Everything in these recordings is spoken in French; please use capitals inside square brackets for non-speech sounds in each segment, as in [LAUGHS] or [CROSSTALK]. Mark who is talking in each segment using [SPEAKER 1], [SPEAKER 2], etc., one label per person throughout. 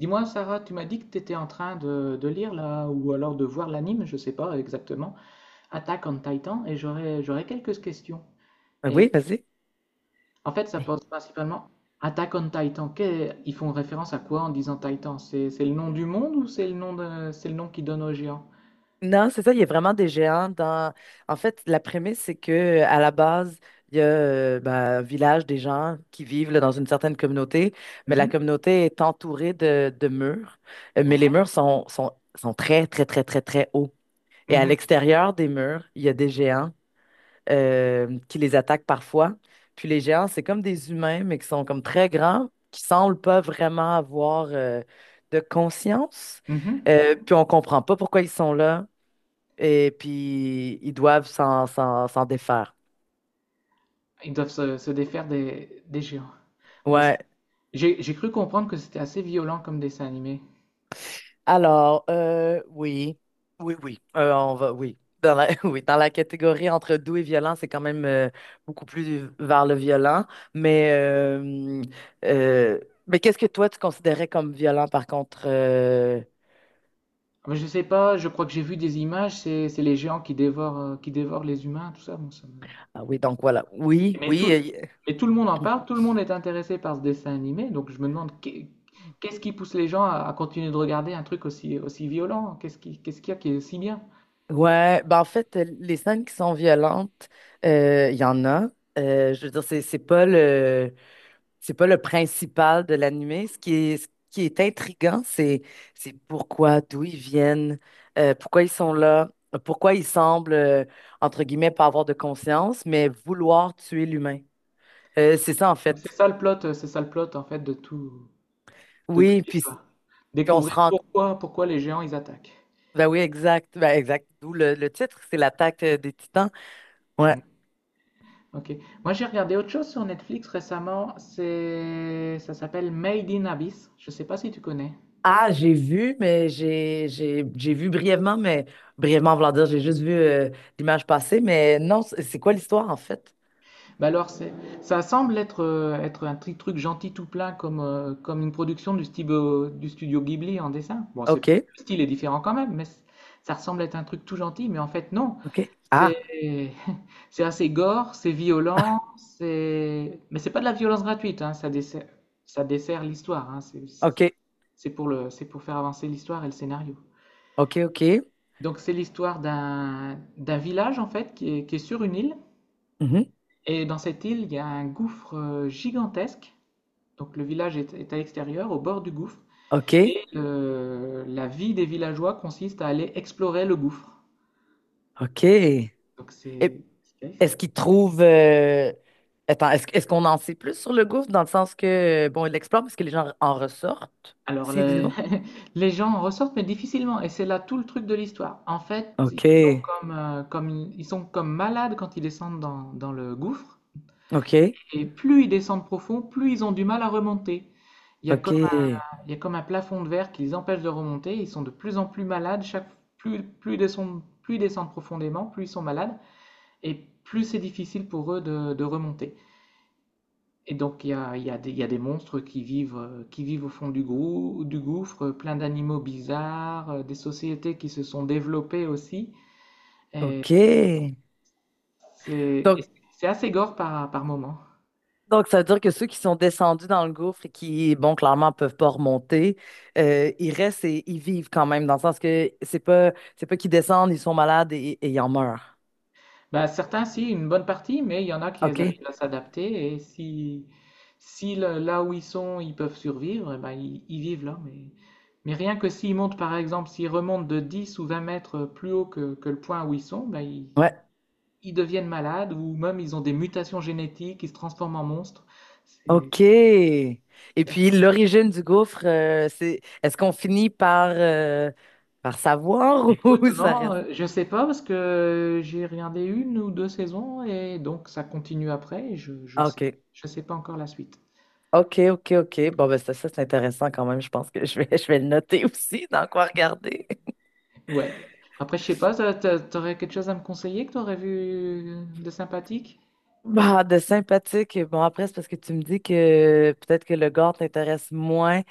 [SPEAKER 1] Dis-moi, Sarah, tu m'as dit que tu étais en train de lire là, ou alors de voir l'anime, je sais pas exactement, Attack on Titan, et j'aurais quelques questions. Et
[SPEAKER 2] Oui, vas-y.
[SPEAKER 1] en fait, ça pose principalement Attack on Titan. Ils font référence à quoi en disant Titan? C'est le nom du monde ou c'est le nom c'est le nom qu'ils donnent aux géants?
[SPEAKER 2] Non, c'est ça, il y a vraiment des géants dans. En fait, la prémisse, c'est que à la base, il y a ben, un village des gens qui vivent là, dans une certaine communauté, mais la
[SPEAKER 1] Mhm.
[SPEAKER 2] communauté est entourée de murs. Mais les
[SPEAKER 1] Ouais.
[SPEAKER 2] murs sont très, très, très, très, très hauts. Et à
[SPEAKER 1] Mhm.
[SPEAKER 2] l'extérieur des murs, il y a des géants qui les attaquent parfois. Puis les géants, c'est comme des humains, mais qui sont comme très grands, qui semblent pas vraiment avoir de conscience.
[SPEAKER 1] Mhm.
[SPEAKER 2] Puis on comprend pas pourquoi ils sont là. Et puis ils doivent s'en défaire.
[SPEAKER 1] Ils doivent se défaire des géants. Ouais, ça.
[SPEAKER 2] Ouais,
[SPEAKER 1] J'ai cru comprendre que c'était assez violent comme dessin animé.
[SPEAKER 2] alors, oui, oui, oui, on va, oui. [LAUGHS] Oui, dans la catégorie entre doux et violent, c'est quand même beaucoup plus vers le violent. Mais, euh, euh, mais qu'est-ce que toi, tu considérais comme violent, par contre?
[SPEAKER 1] Mais je sais pas, je crois que j'ai vu des images, c'est les géants qui dévorent les humains, tout ça. Bon, ça me.
[SPEAKER 2] Ah oui, donc voilà. Oui,
[SPEAKER 1] Mais tout,
[SPEAKER 2] oui.
[SPEAKER 1] mais tout le monde en
[SPEAKER 2] euh,
[SPEAKER 1] parle, tout le
[SPEAKER 2] [CLEARS THROAT]
[SPEAKER 1] monde est intéressé par ce dessin animé, donc je me demande qu'est-ce qui pousse les gens à continuer de regarder un truc aussi, aussi violent? Qu'est-ce qui, qu'est-ce qu'il y a qui est si bien?
[SPEAKER 2] Ouais, ben en fait, les scènes qui sont violentes, il y en a. Je veux dire, C'est pas le principal de l'animé. Ce qui est intriguant, c'est pourquoi, d'où ils viennent, pourquoi ils sont là, pourquoi ils semblent, entre guillemets, pas avoir de conscience, mais vouloir tuer l'humain. C'est ça, en
[SPEAKER 1] Donc c'est
[SPEAKER 2] fait.
[SPEAKER 1] ça le plot, c'est ça le plot en fait de tout, de
[SPEAKER 2] Oui,
[SPEAKER 1] toute
[SPEAKER 2] puis,
[SPEAKER 1] l'histoire.
[SPEAKER 2] puis on se
[SPEAKER 1] Découvrir
[SPEAKER 2] rend.
[SPEAKER 1] pourquoi, pourquoi les géants ils attaquent.
[SPEAKER 2] Ben oui, exact. Ben exact. D'où le titre, c'est l'attaque des Titans. Ouais.
[SPEAKER 1] Mm. Ok. Moi j'ai regardé autre chose sur Netflix récemment, c'est, ça s'appelle Made in Abyss. Je sais pas si tu connais.
[SPEAKER 2] Ah, j'ai vu, mais j'ai vu brièvement, mais brièvement, vouloir dire, j'ai juste vu l'image passer, mais non, c'est quoi l'histoire, en fait?
[SPEAKER 1] Bah alors, c'est, ça semble être, être un petit truc gentil tout plein comme, comme une production du studio Ghibli en dessin. Bon, c'est, le
[SPEAKER 2] OK.
[SPEAKER 1] style est différent quand même, mais c. Ça ressemble être un truc tout gentil, mais en fait, non.
[SPEAKER 2] Ok. Ah,
[SPEAKER 1] C'est, [LAUGHS] c'est assez gore, c'est violent, c'est, mais c'est pas de la violence gratuite, hein, ça dessert l'histoire, hein,
[SPEAKER 2] ok,
[SPEAKER 1] c'est pour le, c'est pour faire avancer l'histoire et le scénario.
[SPEAKER 2] ok, ok.
[SPEAKER 1] Donc, c'est l'histoire d'un, d'un village, en fait, qui est sur une île
[SPEAKER 2] Mhm.
[SPEAKER 1] et dans cette île, il y a un gouffre gigantesque. Donc le village est, est à l'extérieur, au bord du gouffre.
[SPEAKER 2] Ok,
[SPEAKER 1] Et la vie des villageois consiste à aller explorer le gouffre.
[SPEAKER 2] ok.
[SPEAKER 1] Donc c'est, c'est.
[SPEAKER 2] Est-ce qu'il trouve... euh, Attends, est-ce qu'on en sait plus sur le gouffre dans le sens que, bon, il l'explore parce que les gens en ressortent,
[SPEAKER 1] Alors
[SPEAKER 2] s'ils y
[SPEAKER 1] les,
[SPEAKER 2] vont?
[SPEAKER 1] [LAUGHS] les gens en ressortent, mais difficilement. Et c'est là tout le truc de l'histoire. En fait, ils
[SPEAKER 2] Ok,
[SPEAKER 1] sont comme, comme, ils sont comme malades quand ils descendent dans, dans le gouffre.
[SPEAKER 2] ok,
[SPEAKER 1] Et plus ils descendent profond, plus ils ont du mal à remonter. Il y a
[SPEAKER 2] ok,
[SPEAKER 1] comme. Il y a comme un plafond de verre qui les empêche de remonter. Ils sont de plus en plus malades. Chaque, plus, plus ils descendent profondément, plus ils sont malades. Et plus c'est difficile pour eux de remonter. Et donc il y a des, il y a des monstres qui vivent au fond du gouffre, plein d'animaux bizarres, des sociétés qui se sont développées aussi. Et c'est,
[SPEAKER 2] ok.
[SPEAKER 1] c'est. Et
[SPEAKER 2] Donc,
[SPEAKER 1] c'est assez gore par, par moment.
[SPEAKER 2] ça veut dire que ceux qui sont descendus dans le gouffre et qui, bon, clairement, peuvent pas remonter, ils restent et ils vivent quand même, dans le sens que c'est pas qu'ils descendent, ils sont malades et ils en meurent.
[SPEAKER 1] Ben certains, si, une bonne partie, mais il y en a qui
[SPEAKER 2] Ok?
[SPEAKER 1] arrivent à s'adapter et si, si le. Là où ils sont, ils peuvent survivre, eh ben, ils vivent là. Mais rien que s'ils montent, par exemple, s'ils remontent de 10 ou 20 mètres plus haut que le point où ils sont, ben ils,
[SPEAKER 2] Ouais.
[SPEAKER 1] ils deviennent malades ou même ils ont des mutations génétiques, ils se transforment en monstres. C'est,
[SPEAKER 2] OK. Et
[SPEAKER 1] c'est assez.
[SPEAKER 2] puis l'origine du gouffre, c'est est-ce qu'on finit par, par savoir [LAUGHS]
[SPEAKER 1] Écoute,
[SPEAKER 2] ou ça
[SPEAKER 1] non,
[SPEAKER 2] reste?
[SPEAKER 1] je sais pas parce que j'ai regardé une ou deux saisons et donc ça continue après et
[SPEAKER 2] Ah, OK.
[SPEAKER 1] je sais pas encore la suite.
[SPEAKER 2] OK, OK, OK. Bon, ben ça c'est intéressant quand même. Je pense que je vais le noter [LAUGHS] aussi dans quoi regarder.
[SPEAKER 1] Ouais. Après, je sais pas, t'aurais quelque chose à me conseiller que t'aurais vu de sympathique?
[SPEAKER 2] Bah, de sympathique. Bon, après, c'est parce que tu me dis que peut-être que le gore t'intéresse moins.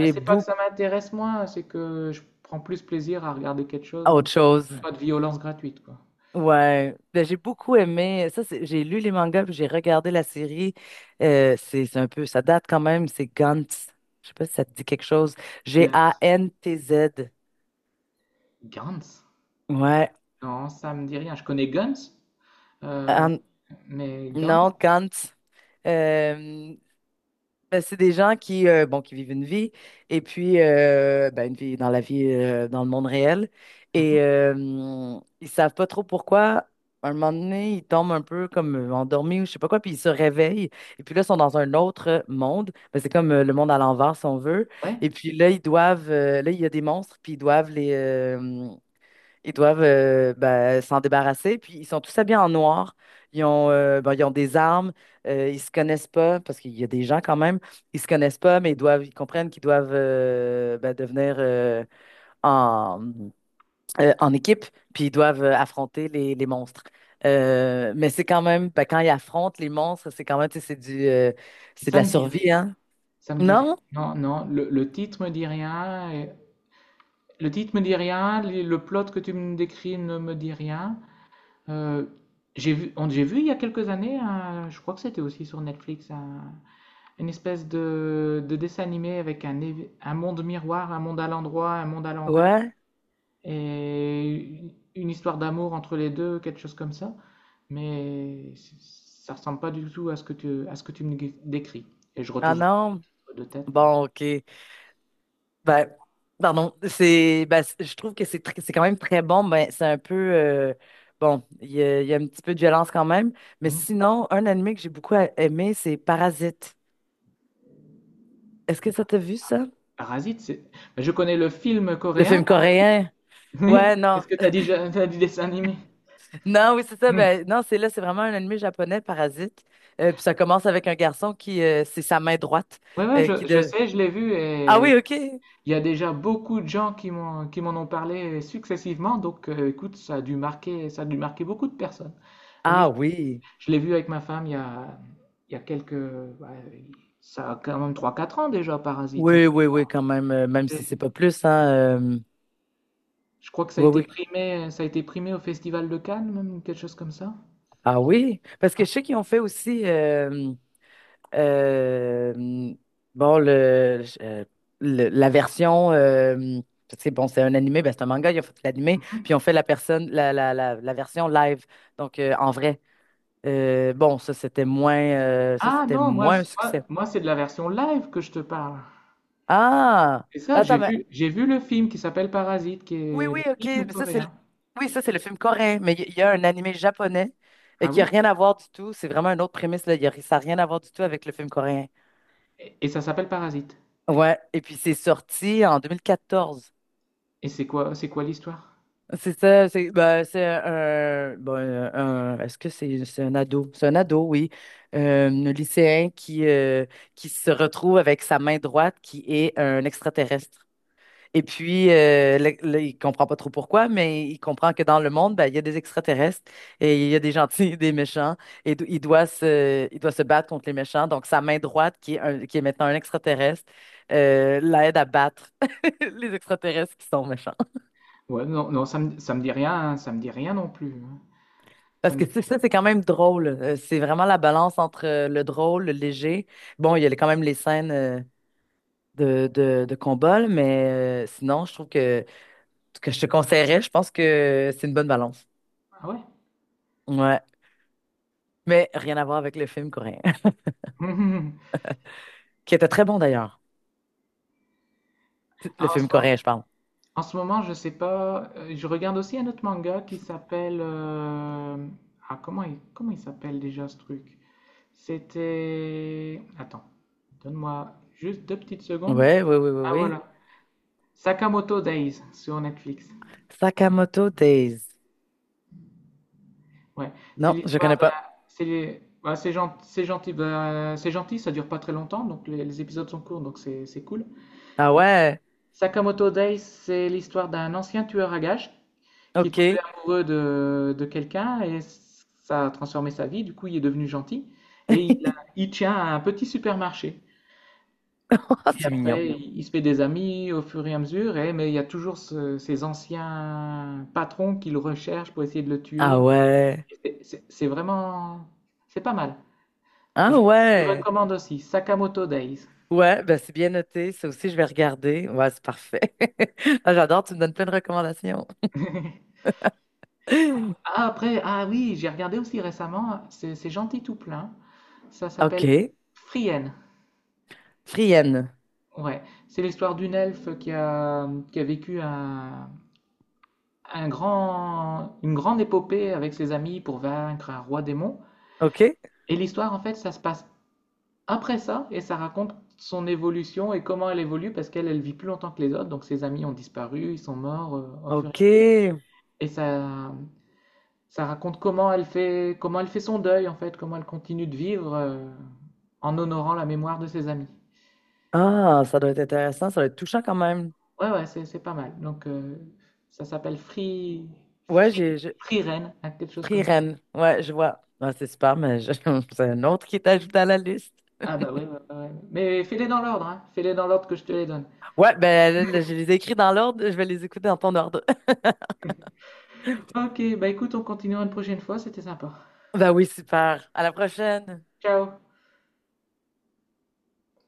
[SPEAKER 1] Ah, c'est pas que ça
[SPEAKER 2] beaucoup
[SPEAKER 1] m'intéresse moins, c'est que je prends plus plaisir à regarder quelque chose où il y
[SPEAKER 2] autre
[SPEAKER 1] a
[SPEAKER 2] chose.
[SPEAKER 1] pas de violence gratuite, quoi.
[SPEAKER 2] Ouais, ben, j'ai beaucoup aimé. J'ai lu les mangas puis j'ai regardé la série. C'est un peu, ça date quand même. C'est Gantz. Je sais pas si ça te dit quelque chose.
[SPEAKER 1] Guns.
[SPEAKER 2] Gantz.
[SPEAKER 1] Guns?
[SPEAKER 2] Ouais.
[SPEAKER 1] Non, ça me dit rien. Je connais Guns, euh,
[SPEAKER 2] An-
[SPEAKER 1] mais Guns?
[SPEAKER 2] non, Gantz. Euh, Ben, c'est des gens qui, bon, qui vivent une vie, et puis ben, une vie dans la vie, dans le monde réel.
[SPEAKER 1] Mhm.
[SPEAKER 2] Et ils savent pas trop pourquoi. Un moment donné, ils tombent un peu comme endormis ou je sais pas quoi, puis ils se réveillent. Et puis là, ils sont dans un autre monde. Ben, c'est comme le monde à l'envers, si on veut.
[SPEAKER 1] Ouais,
[SPEAKER 2] Et puis là, là, il y a des monstres, puis ils doivent ben, s'en débarrasser. Puis ils sont tous habillés en noir. Ils ont des armes. Ils se connaissent pas parce qu'il y a des gens quand même. Ils se connaissent pas, mais ils comprennent qu'ils doivent ben, devenir en, en équipe. Puis ils doivent affronter les monstres. Mais c'est quand même, ben, quand ils affrontent les monstres, c'est quand même, tu sais, c'est de
[SPEAKER 1] ça
[SPEAKER 2] la
[SPEAKER 1] me dit
[SPEAKER 2] survie,
[SPEAKER 1] rien.
[SPEAKER 2] hein?
[SPEAKER 1] Ça me dit rien.
[SPEAKER 2] Non?
[SPEAKER 1] Non, non, le titre me dit rien. Et. Le titre me dit rien, le plot que tu me décris ne me dit rien. Euh, j'ai vu, on. J'ai vu il y a quelques années, un. Je crois que c'était aussi sur Netflix, un. Une espèce de dessin animé avec un, un monde miroir, un monde à l'endroit, un monde à l'envers,
[SPEAKER 2] Ouais?
[SPEAKER 1] et une histoire d'amour entre les deux, quelque chose comme ça. Mais c. Ça ressemble pas du tout à ce que tu, à ce que décris. Et je
[SPEAKER 2] Ah
[SPEAKER 1] retrouverai
[SPEAKER 2] non?
[SPEAKER 1] pas de tête.
[SPEAKER 2] Bon, OK. Ben, pardon, je trouve que c'est quand même très bon. Ben, c'est un peu, bon, il y a un petit peu de violence quand même. Mais
[SPEAKER 1] Hmm.
[SPEAKER 2] sinon, un anime que j'ai beaucoup aimé, c'est Parasite. Est-ce que ça t'a vu ça?
[SPEAKER 1] Parasite, c'est. Mais je connais le film
[SPEAKER 2] Le
[SPEAKER 1] coréen,
[SPEAKER 2] film
[SPEAKER 1] Parasite.
[SPEAKER 2] coréen?
[SPEAKER 1] [LAUGHS] Mais
[SPEAKER 2] Ouais, non.
[SPEAKER 1] est-ce que tu as dit, t'as dit dessin animé?
[SPEAKER 2] Non, oui, c'est ça.
[SPEAKER 1] Hmm.
[SPEAKER 2] Ben, non, c'est là, c'est vraiment un anime japonais, Parasite. Puis ça commence avec un garçon qui, c'est sa main droite,
[SPEAKER 1] Ouais, ouais,
[SPEAKER 2] qui
[SPEAKER 1] je
[SPEAKER 2] de.
[SPEAKER 1] sais, je l'ai vu
[SPEAKER 2] Ah oui,
[SPEAKER 1] et.
[SPEAKER 2] OK.
[SPEAKER 1] Il y a déjà beaucoup de gens qui m'ont qui m'en ont parlé successivement, donc écoute, ça a dû marquer, ça a dû marquer beaucoup de personnes.
[SPEAKER 2] Ah
[SPEAKER 1] Oui,
[SPEAKER 2] oui.
[SPEAKER 1] je l'ai vu avec ma femme il y a quelques, ouais, ça a quand même trois quatre ans déjà, Parasite, hein.
[SPEAKER 2] Oui, oui, oui, quand même, même si c'est
[SPEAKER 1] Et.
[SPEAKER 2] pas plus, hein. euh,
[SPEAKER 1] Je crois que ça a
[SPEAKER 2] Oui,
[SPEAKER 1] été
[SPEAKER 2] oui.
[SPEAKER 1] primé, ça a été primé au Festival de Cannes, même quelque chose comme ça.
[SPEAKER 2] Ah oui, parce que je
[SPEAKER 1] Hein.
[SPEAKER 2] sais qu'ils ont fait aussi euh, hum, bon la version c'est bon, c'est un animé ben c'est un manga, ils ont fait l'animé puis ils ont fait la personne, la version live, donc en vrai. Bon, ça c'était moins euh, ça
[SPEAKER 1] Ah
[SPEAKER 2] c'était
[SPEAKER 1] non, moi,
[SPEAKER 2] moins un
[SPEAKER 1] c'est. Moi,
[SPEAKER 2] succès.
[SPEAKER 1] moi, c'est de la version live que je te parle.
[SPEAKER 2] Ah,
[SPEAKER 1] C'est ça,
[SPEAKER 2] attends, mais
[SPEAKER 1] j'ai vu le film qui s'appelle Parasite, qui
[SPEAKER 2] oui,
[SPEAKER 1] est
[SPEAKER 2] oui,
[SPEAKER 1] le
[SPEAKER 2] ok,
[SPEAKER 1] film
[SPEAKER 2] mais
[SPEAKER 1] coréen.
[SPEAKER 2] oui, ça c'est le film coréen, mais il y a un animé japonais
[SPEAKER 1] Ah
[SPEAKER 2] qui a
[SPEAKER 1] oui?
[SPEAKER 2] rien à voir du tout, c'est vraiment une autre prémisse là. Ça a rien à voir du tout avec le film coréen.
[SPEAKER 1] Et ça s'appelle Parasite.
[SPEAKER 2] Ouais, et puis c'est sorti en 2014.
[SPEAKER 1] Et c'est quoi l'histoire?
[SPEAKER 2] C'est ça, c'est bah, c'est un, bon, un- est-ce que c'est un ado? C'est un ado, oui. Un lycéen qui se retrouve avec sa main droite qui est un extraterrestre. Et puis, il comprend pas trop pourquoi, mais il comprend que dans le monde, ben, il y a des extraterrestres et il y a des gentils [LAUGHS] et des méchants. Il doit se battre contre les méchants. Donc, sa main droite, qui est maintenant un extraterrestre, l'aide à battre [LAUGHS] les extraterrestres qui sont méchants.
[SPEAKER 1] Ouais, non, non, ça me dit rien, hein, ça me dit rien non plus, hein. Ça
[SPEAKER 2] Parce
[SPEAKER 1] me
[SPEAKER 2] que
[SPEAKER 1] dit
[SPEAKER 2] c'est ça,
[SPEAKER 1] rien.
[SPEAKER 2] c'est quand même drôle. C'est vraiment la balance entre le drôle, le léger. Bon, il y a les- quand même les scènes de combat, là, mais sinon, je trouve que je te conseillerais, je pense que c'est une bonne balance.
[SPEAKER 1] Ah ouais?
[SPEAKER 2] Ouais. Mais rien à voir avec le film coréen,
[SPEAKER 1] [LAUGHS]
[SPEAKER 2] [LAUGHS] qui était très bon d'ailleurs.
[SPEAKER 1] Ah,
[SPEAKER 2] Le
[SPEAKER 1] en ce
[SPEAKER 2] film coréen,
[SPEAKER 1] moment,
[SPEAKER 2] je parle.
[SPEAKER 1] en ce moment, je sais pas. Je regarde aussi un autre manga qui s'appelle. Ah, comment il s'appelle déjà ce truc? C'était. Attends, donne-moi juste deux petites secondes.
[SPEAKER 2] Ouais, oui, oui, oui,
[SPEAKER 1] Ah
[SPEAKER 2] oui.
[SPEAKER 1] voilà, Sakamoto Days sur Netflix.
[SPEAKER 2] Sakamoto Days.
[SPEAKER 1] Ouais, c'est
[SPEAKER 2] Non, je
[SPEAKER 1] l'histoire
[SPEAKER 2] connais
[SPEAKER 1] d'un.
[SPEAKER 2] pas.
[SPEAKER 1] C'est les. Ouais, c'est gentil, bah, c'est gentil, ça dure pas très longtemps, donc les épisodes sont courts, donc c'est cool.
[SPEAKER 2] Ah ouais,
[SPEAKER 1] Sakamoto Days, c'est l'histoire d'un ancien tueur à gages qui est
[SPEAKER 2] ok.
[SPEAKER 1] tombé
[SPEAKER 2] [LAUGHS]
[SPEAKER 1] amoureux de quelqu'un et ça a transformé sa vie. Du coup, il est devenu gentil et il tient à un petit supermarché.
[SPEAKER 2] Ah,
[SPEAKER 1] Et
[SPEAKER 2] c'est mignon.
[SPEAKER 1] après, il se fait des amis au fur et à mesure, et, mais il y a toujours ces anciens patrons qui le recherchent pour essayer de le tuer.
[SPEAKER 2] Ah ouais.
[SPEAKER 1] Et c'est c'est vraiment. C'est pas mal.
[SPEAKER 2] Ah
[SPEAKER 1] Je, je
[SPEAKER 2] ouais.
[SPEAKER 1] recommande aussi Sakamoto Days.
[SPEAKER 2] Ouais, ben c'est bien noté. Ça aussi, je vais regarder. Ouais, c'est parfait. [LAUGHS] Ah, j'adore, tu me donnes plein de recommandations.
[SPEAKER 1] [LAUGHS]
[SPEAKER 2] [GASPS]
[SPEAKER 1] Ah, après, ah oui, j'ai regardé aussi récemment, c'est gentil tout plein. Ça
[SPEAKER 2] [LAUGHS]
[SPEAKER 1] s'appelle
[SPEAKER 2] OK.
[SPEAKER 1] Frienne.
[SPEAKER 2] Frienne.
[SPEAKER 1] Ouais, c'est l'histoire d'une elfe qui a vécu un grand, une grande épopée avec ses amis pour vaincre un roi démon.
[SPEAKER 2] OK.
[SPEAKER 1] Et l'histoire, en fait, ça se passe après ça et ça raconte son évolution et comment elle évolue parce qu'elle, elle vit plus longtemps que les autres. Donc ses amis ont disparu, ils sont morts au fur et à mesure.
[SPEAKER 2] OK.
[SPEAKER 1] Et ça raconte comment elle fait son deuil, en fait, comment elle continue de vivre en honorant la mémoire de ses amis.
[SPEAKER 2] Ah, ça doit être intéressant. Ça doit être touchant quand même.
[SPEAKER 1] Ouais, ouais, c'est pas mal. Donc, ça s'appelle Free,
[SPEAKER 2] Ouais,
[SPEAKER 1] Free, Free Ren, hein, quelque chose comme ça.
[SPEAKER 2] Prirène. Ouais, je vois. Ouais, c'est super, mais [LAUGHS] c'est un autre qui t'ajoute à la liste.
[SPEAKER 1] Ah bah oui, ouais, ouais, ouais. Mais fais-les dans l'ordre, hein. Fais-les dans l'ordre que je te les donne.
[SPEAKER 2] Ouais, ben je les ai écrits dans l'ordre. Je vais les écouter dans ton ordre. [LAUGHS]
[SPEAKER 1] Ok, bah écoute, on continuera une prochaine fois, c'était sympa.
[SPEAKER 2] Ben oui, super. À la prochaine.
[SPEAKER 1] Ciao!